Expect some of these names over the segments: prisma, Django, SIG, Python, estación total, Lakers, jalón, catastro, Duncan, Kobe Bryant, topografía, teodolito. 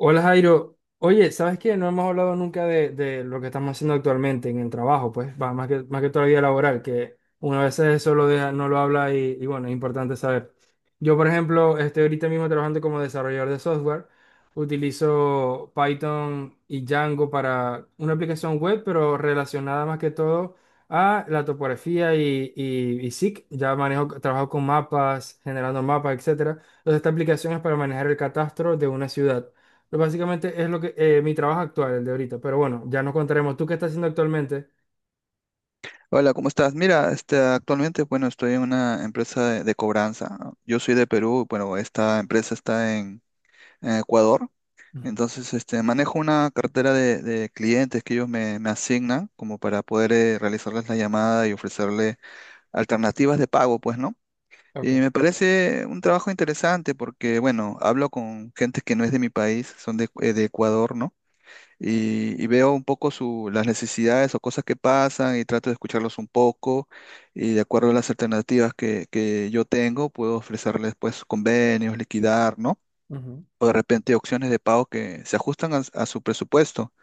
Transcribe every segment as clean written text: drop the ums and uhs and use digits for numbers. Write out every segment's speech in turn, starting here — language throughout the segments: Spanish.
Hola Jairo, oye, ¿sabes qué? No hemos hablado nunca de lo que estamos haciendo actualmente en el trabajo, pues, va, más que toda la vida laboral, que una vez eso lo deja, no lo habla y bueno, es importante saber. Yo, por ejemplo, estoy ahorita mismo trabajando como desarrollador de software, utilizo Python y Django para una aplicación web, pero relacionada más que todo a la topografía y SIG. Ya manejo, trabajo con mapas, generando mapas, etcétera. Entonces, esta aplicación es para manejar el catastro de una ciudad. Pues básicamente es lo que mi trabajo actual, el de ahorita. Pero bueno, ya nos contaremos. ¿Tú qué estás haciendo actualmente? Hola, ¿cómo estás? Mira, actualmente, bueno, estoy en una empresa de cobranza. Yo soy de Perú, bueno, esta empresa está en Ecuador. Ujú. Entonces, manejo una cartera de clientes que ellos me asignan como para poder realizarles la llamada y ofrecerle alternativas de pago, pues, ¿no? Y Ok. me parece un trabajo interesante porque, bueno, hablo con gente que no es de mi país, son de Ecuador, ¿no? Y veo un poco su, las necesidades o cosas que pasan y trato de escucharlos un poco y de acuerdo a las alternativas que yo tengo, puedo ofrecerles pues convenios, liquidar, ¿no? Ujú, O de repente opciones de pago que se ajustan a su presupuesto.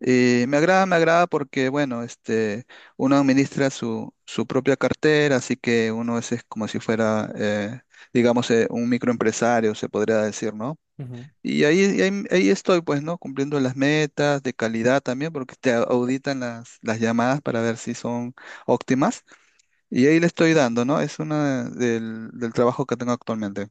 Y me agrada porque, bueno, uno administra su propia cartera, así que uno es como si fuera, digamos, un microempresario, se podría decir, ¿no? ujú. Y ahí estoy, pues, ¿no? Cumpliendo las metas de calidad también, porque te auditan las llamadas para ver si son óptimas. Y ahí le estoy dando, ¿no? Es una del trabajo que tengo actualmente.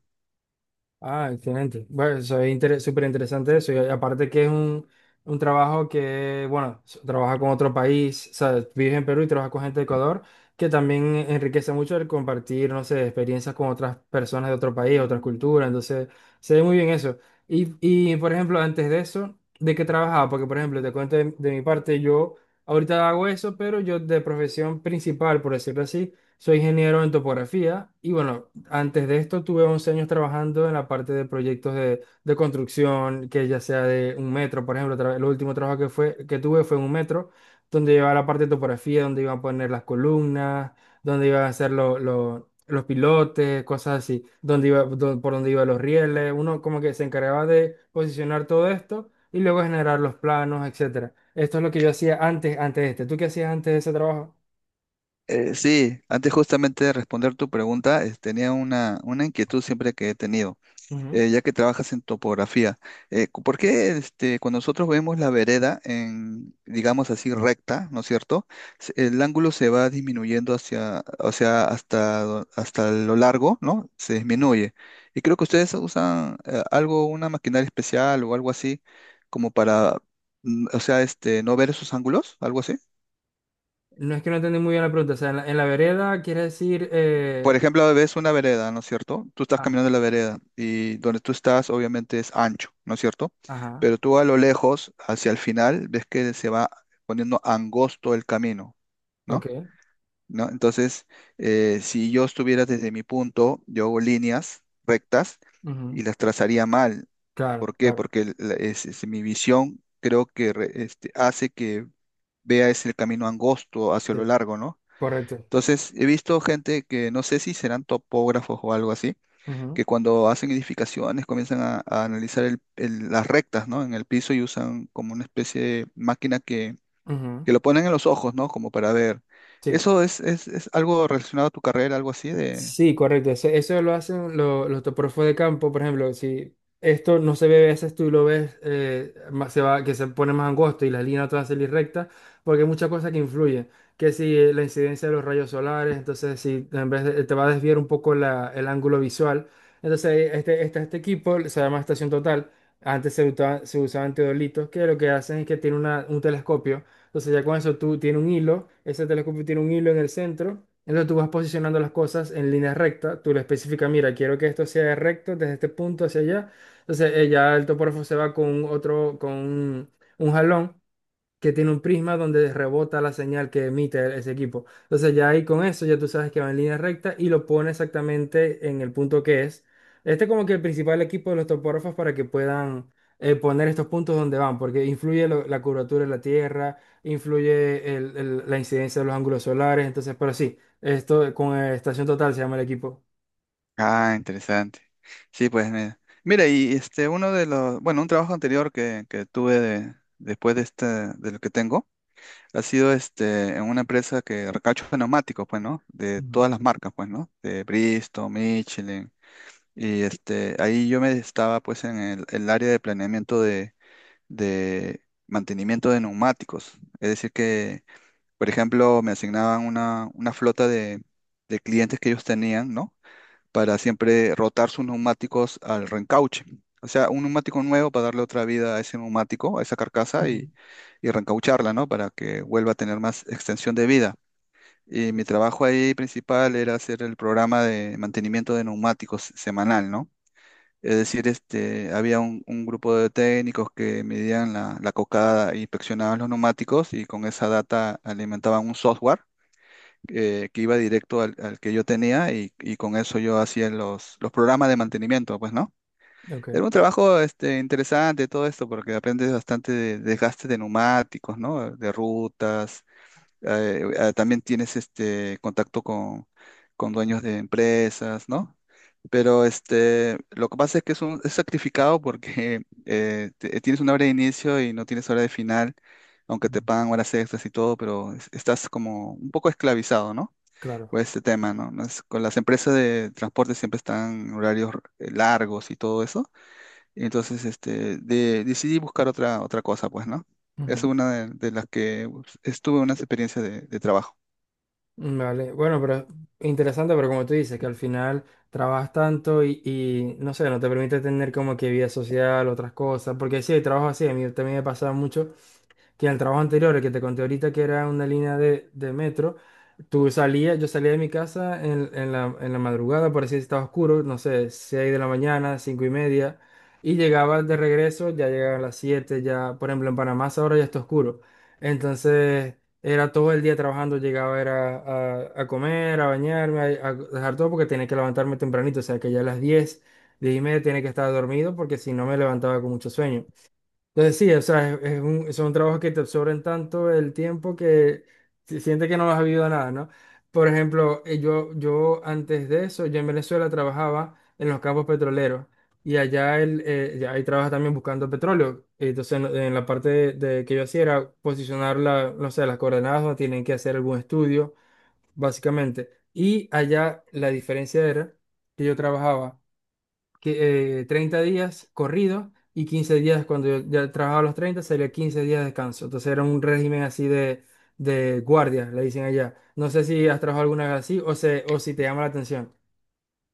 Ah, excelente. Bueno, eso es súper interesante eso. Y aparte que es un trabajo que, bueno, trabaja con otro país, o sea, vives en Perú y trabajas con gente de Ecuador, que también enriquece mucho el compartir, no sé, experiencias con otras personas de otro país, otras culturas. Entonces, se ve muy bien eso. Y, por ejemplo, antes de eso, ¿de qué trabajaba? Porque, por ejemplo, te cuento de mi parte, yo ahorita hago eso, pero yo de profesión principal, por decirlo así, soy ingeniero en topografía y, bueno, antes de esto tuve 11 años trabajando en la parte de proyectos de construcción, que ya sea de un metro, por ejemplo, el último trabajo que tuve fue en un metro, donde llevaba la parte de topografía, donde iban a poner las columnas, donde iban a hacer los pilotes, cosas así, donde iba, por donde iban los rieles, uno como que se encargaba de posicionar todo esto y luego generar los planos, etcétera. Esto es lo que yo hacía antes de este. ¿Tú qué hacías antes de ese trabajo? Sí, antes justamente de responder tu pregunta, tenía una inquietud siempre que he tenido. Ya que trabajas en topografía, ¿por qué cuando nosotros vemos la vereda en, digamos así, recta, ¿no es cierto? El ángulo se va disminuyendo hacia, o sea, hasta lo largo, ¿no? Se disminuye. Y creo que ustedes usan algo, una maquinaria especial o algo así, como para, o sea, no ver esos ángulos, algo así. No es que no entendí muy bien la pregunta. O sea, en la vereda quiere decir. Por ejemplo, ves una vereda, ¿no es cierto? Tú estás Ah, caminando en la vereda y donde tú estás obviamente es ancho, ¿no es cierto? ajá, Pero tú a lo lejos, hacia el final, ves que se va poniendo angosto el camino, ¿no? ok. ¿No? Entonces, si yo estuviera desde mi punto, yo hago líneas rectas Ujú, y las trazaría mal. claro, ¿Por qué? claro. Porque es mi visión creo que hace que vea ese camino angosto hacia lo Sí, largo, ¿no? correcto. Entonces, he visto gente que no sé si serán topógrafos o algo así, Ujú, que cuando hacen edificaciones comienzan a analizar las rectas, ¿no? En el piso y usan como una especie de máquina ujú, que lo ponen en los ojos, ¿no? Como para ver. sí. ¿Eso es algo relacionado a tu carrera, algo así de... Sí, correcto. Eso lo hacen los topógrafos de campo, por ejemplo, si esto no se ve a veces tú lo ves se va, que se pone más angosto y la línea toda se recta, porque hay muchas cosas que influyen, que si la incidencia de los rayos solares, entonces si en vez te va a desviar un poco el ángulo visual, entonces este equipo se llama estación total, antes se usaban teodolitos, que lo que hacen es que tiene un telescopio, entonces ya con eso tú tienes un hilo, ese telescopio tiene un hilo en el centro, entonces tú vas posicionando las cosas en línea recta, tú le especificas, mira, quiero que esto sea recto desde este punto hacia allá, entonces ya el topógrafo se va con otro, con un jalón que tiene un prisma donde rebota la señal que emite ese equipo. Entonces ya ahí con eso ya tú sabes que va en línea recta y lo pone exactamente en el punto que es. Este es como que el principal equipo de los topógrafos para que puedan poner estos puntos donde van, porque influye la curvatura de la Tierra, influye la incidencia de los ángulos solares, entonces, pero sí, esto con estación total se llama el equipo. Ah, interesante. Sí, pues mira. Mira, y uno de los, bueno, un trabajo anterior que después de este, de lo que tengo. Ha sido este, en una empresa que recacho de neumáticos, pues, ¿no? De Ujú, todas las marcas, pues, ¿no? De Bristol, Michelin. Y este, ahí yo me estaba, pues, en el área de planeamiento de mantenimiento de neumáticos. Es decir, que, por ejemplo, me asignaban una flota de clientes que ellos tenían, ¿no? para siempre rotar sus neumáticos al reencauche. O sea, un neumático nuevo para darle otra vida a ese neumático, a esa carcasa ujú, y reencaucharla, ¿no? Para que vuelva a tener más extensión de vida. Y mi trabajo ahí principal era hacer el programa de mantenimiento de neumáticos semanal, ¿no? Es decir, había un grupo de técnicos que medían la cocada, e inspeccionaban los neumáticos y con esa data alimentaban un software que iba directo al que yo tenía y con eso yo hacía los programas de mantenimiento, pues, ¿no? ok, Era un trabajo interesante todo esto porque aprendes bastante de desgaste de neumáticos, ¿no? De rutas, también tienes este contacto con dueños de empresas, ¿no? Pero este, lo que pasa es que es, un, es sacrificado porque tienes una hora de inicio y no tienes hora de final, aunque ujú. te pagan horas extras y todo, pero estás como un poco esclavizado, ¿no? por Claro. este tema, ¿no? Con las empresas de transporte siempre están en horarios largos y todo eso. Y entonces, decidí buscar otra cosa, pues, ¿no? Es una de las que pues, estuve unas experiencias de trabajo. Vale, bueno, pero interesante, pero como tú dices, que al final trabajas tanto y, no sé, no te permite tener como que vida social, otras cosas, porque sí, hay trabajo así, a mí también me pasa mucho que en el trabajo anterior, el que te conté ahorita, que era una línea de metro, yo salía de mi casa en, en la madrugada, por así decirlo, estaba oscuro, no sé, 6 de la mañana, 5:30, y llegaba de regreso, ya llegaba a las 7 ya, por ejemplo, en Panamá ahora ya está oscuro. Entonces, era todo el día trabajando, llegaba era a comer, a bañarme, a dejar todo porque tenía que levantarme tempranito, o sea que ya a las 10, 10:30 tenía que estar dormido porque si no me levantaba con mucho sueño. Entonces sí, o sea, es un trabajo que te absorben tanto el tiempo que sientes que no has habido nada, ¿no? Por ejemplo, yo antes de eso, yo en Venezuela trabajaba en los campos petroleros y allá ya ahí trabajas también buscando petróleo. Entonces en la parte de que yo hacía era posicionar no sé, las coordenadas donde tienen que hacer algún estudio, básicamente. Y allá la diferencia era que yo trabajaba 30 días corridos y 15 días cuando yo ya trabajaba los 30 sería 15 días de descanso. Entonces era un régimen así de guardia, le dicen allá. No sé si has trabajado alguna vez así o si te llama la atención.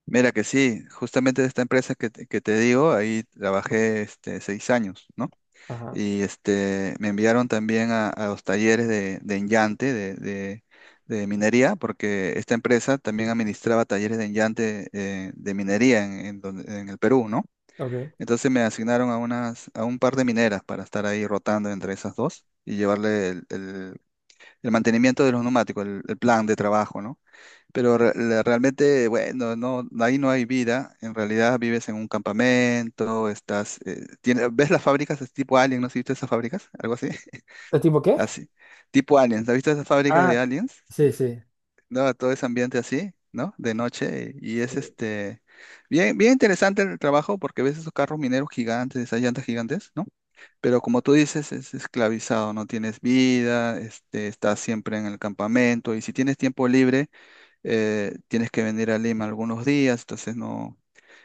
Mira que sí, justamente de esta empresa que, te digo, ahí trabajé este, 6 años, ¿no? Ajá, Y este, me enviaron también a los talleres de enllante, de minería, porque esta empresa también administraba talleres de enllante de minería en el Perú, ¿no? ok. Entonces me asignaron a, unas, a un par de mineras para estar ahí rotando entre esas dos y llevarle el mantenimiento de los neumáticos, el plan de trabajo, ¿no? Pero realmente, bueno, no, ahí no hay vida. En realidad vives en un campamento, estás, ¿ves las fábricas es tipo Alien? ¿No has visto esas fábricas? Algo así. ¿Es tipo qué? Así. Tipo Aliens. ¿Has visto esas fábricas de Ah, Aliens? sí, sí. No, todo ese ambiente así, ¿no? De noche. Y es este bien interesante el trabajo porque ves esos carros mineros gigantes, esas llantas gigantes, ¿no? Pero como tú dices, es esclavizado, no tienes vida, estás siempre en el campamento, y si tienes tiempo libre tienes que venir a Lima algunos días, entonces no,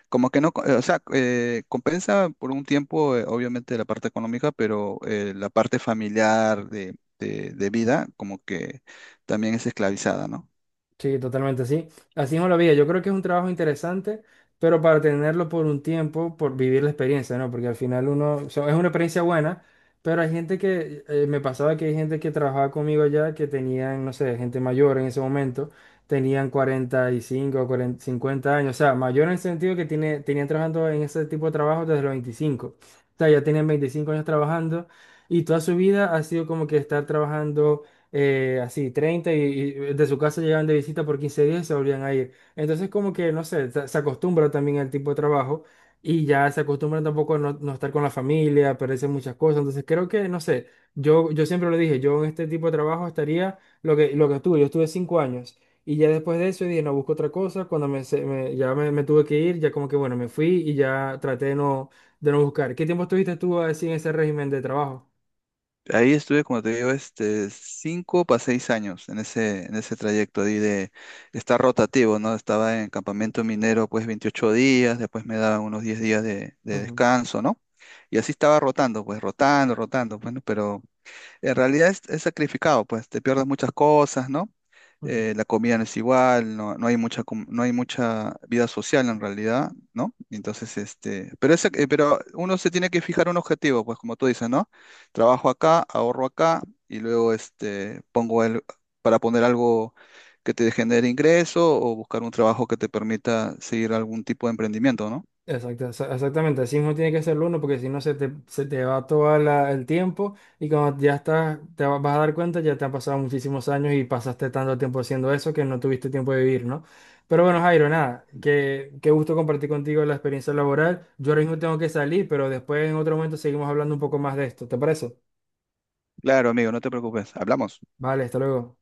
como que no, o sea, compensa por un tiempo, obviamente la parte económica, pero la parte familiar de vida, como que también es esclavizada, ¿no? Sí, totalmente, sí. Así no la vida. Yo creo que es un trabajo interesante, pero para tenerlo por un tiempo, por vivir la experiencia, ¿no? Porque al final uno, o sea, es una experiencia buena, pero hay gente que, me pasaba que hay gente que trabajaba conmigo allá que tenían, no sé, gente mayor en ese momento, tenían 45, 40, 50 años, o sea, mayor en el sentido que tenían trabajando en ese tipo de trabajo desde los 25. O sea, ya tienen 25 años trabajando y toda su vida ha sido como que estar trabajando así, 30 y de su casa llegaban de visita por 15 días y se volvían a ir. Entonces, como que, no sé, se acostumbra también al tipo de trabajo y ya se acostumbran tampoco a no, no estar con la familia, a perderse muchas cosas. Entonces, creo que, no sé, yo siempre lo dije, yo en este tipo de trabajo estaría lo que estuve, yo estuve 5 años. Y ya después de eso dije, no, busco otra cosa. Cuando ya me tuve que ir, ya como que, bueno, me fui y ya traté de no, buscar. ¿Qué tiempo estuviste tú así en ese régimen de trabajo? Ahí estuve, como te digo, cinco para 6 años en ese trayecto ahí de estar rotativo, ¿no? Estaba en campamento minero, pues 28 días, después me daban unos 10 días de Ujú, descanso, ¿no? Y así estaba rotando, pues rotando, bueno, en realidad es sacrificado, pues te pierdes muchas cosas, ¿no? ujú. La comida no es igual, no hay mucha, no hay mucha vida social en realidad, ¿no? Entonces, pero uno se tiene que fijar un objetivo, pues como tú dices, ¿no? Trabajo acá, ahorro acá y luego pongo el, para poner algo que te genere ingreso o buscar un trabajo que te permita seguir algún tipo de emprendimiento, ¿no? Exactamente, así mismo tiene que ser el uno porque si no se te va todo el tiempo y cuando ya estás, vas a dar cuenta, ya te han pasado muchísimos años y pasaste tanto tiempo haciendo eso que no tuviste tiempo de vivir, ¿no? Pero bueno, Jairo, nada, que qué gusto compartir contigo la experiencia laboral. Yo ahora mismo tengo que salir, pero después en otro momento seguimos hablando un poco más de esto, ¿te parece? Claro, amigo, no te preocupes, hablamos. Vale, hasta luego.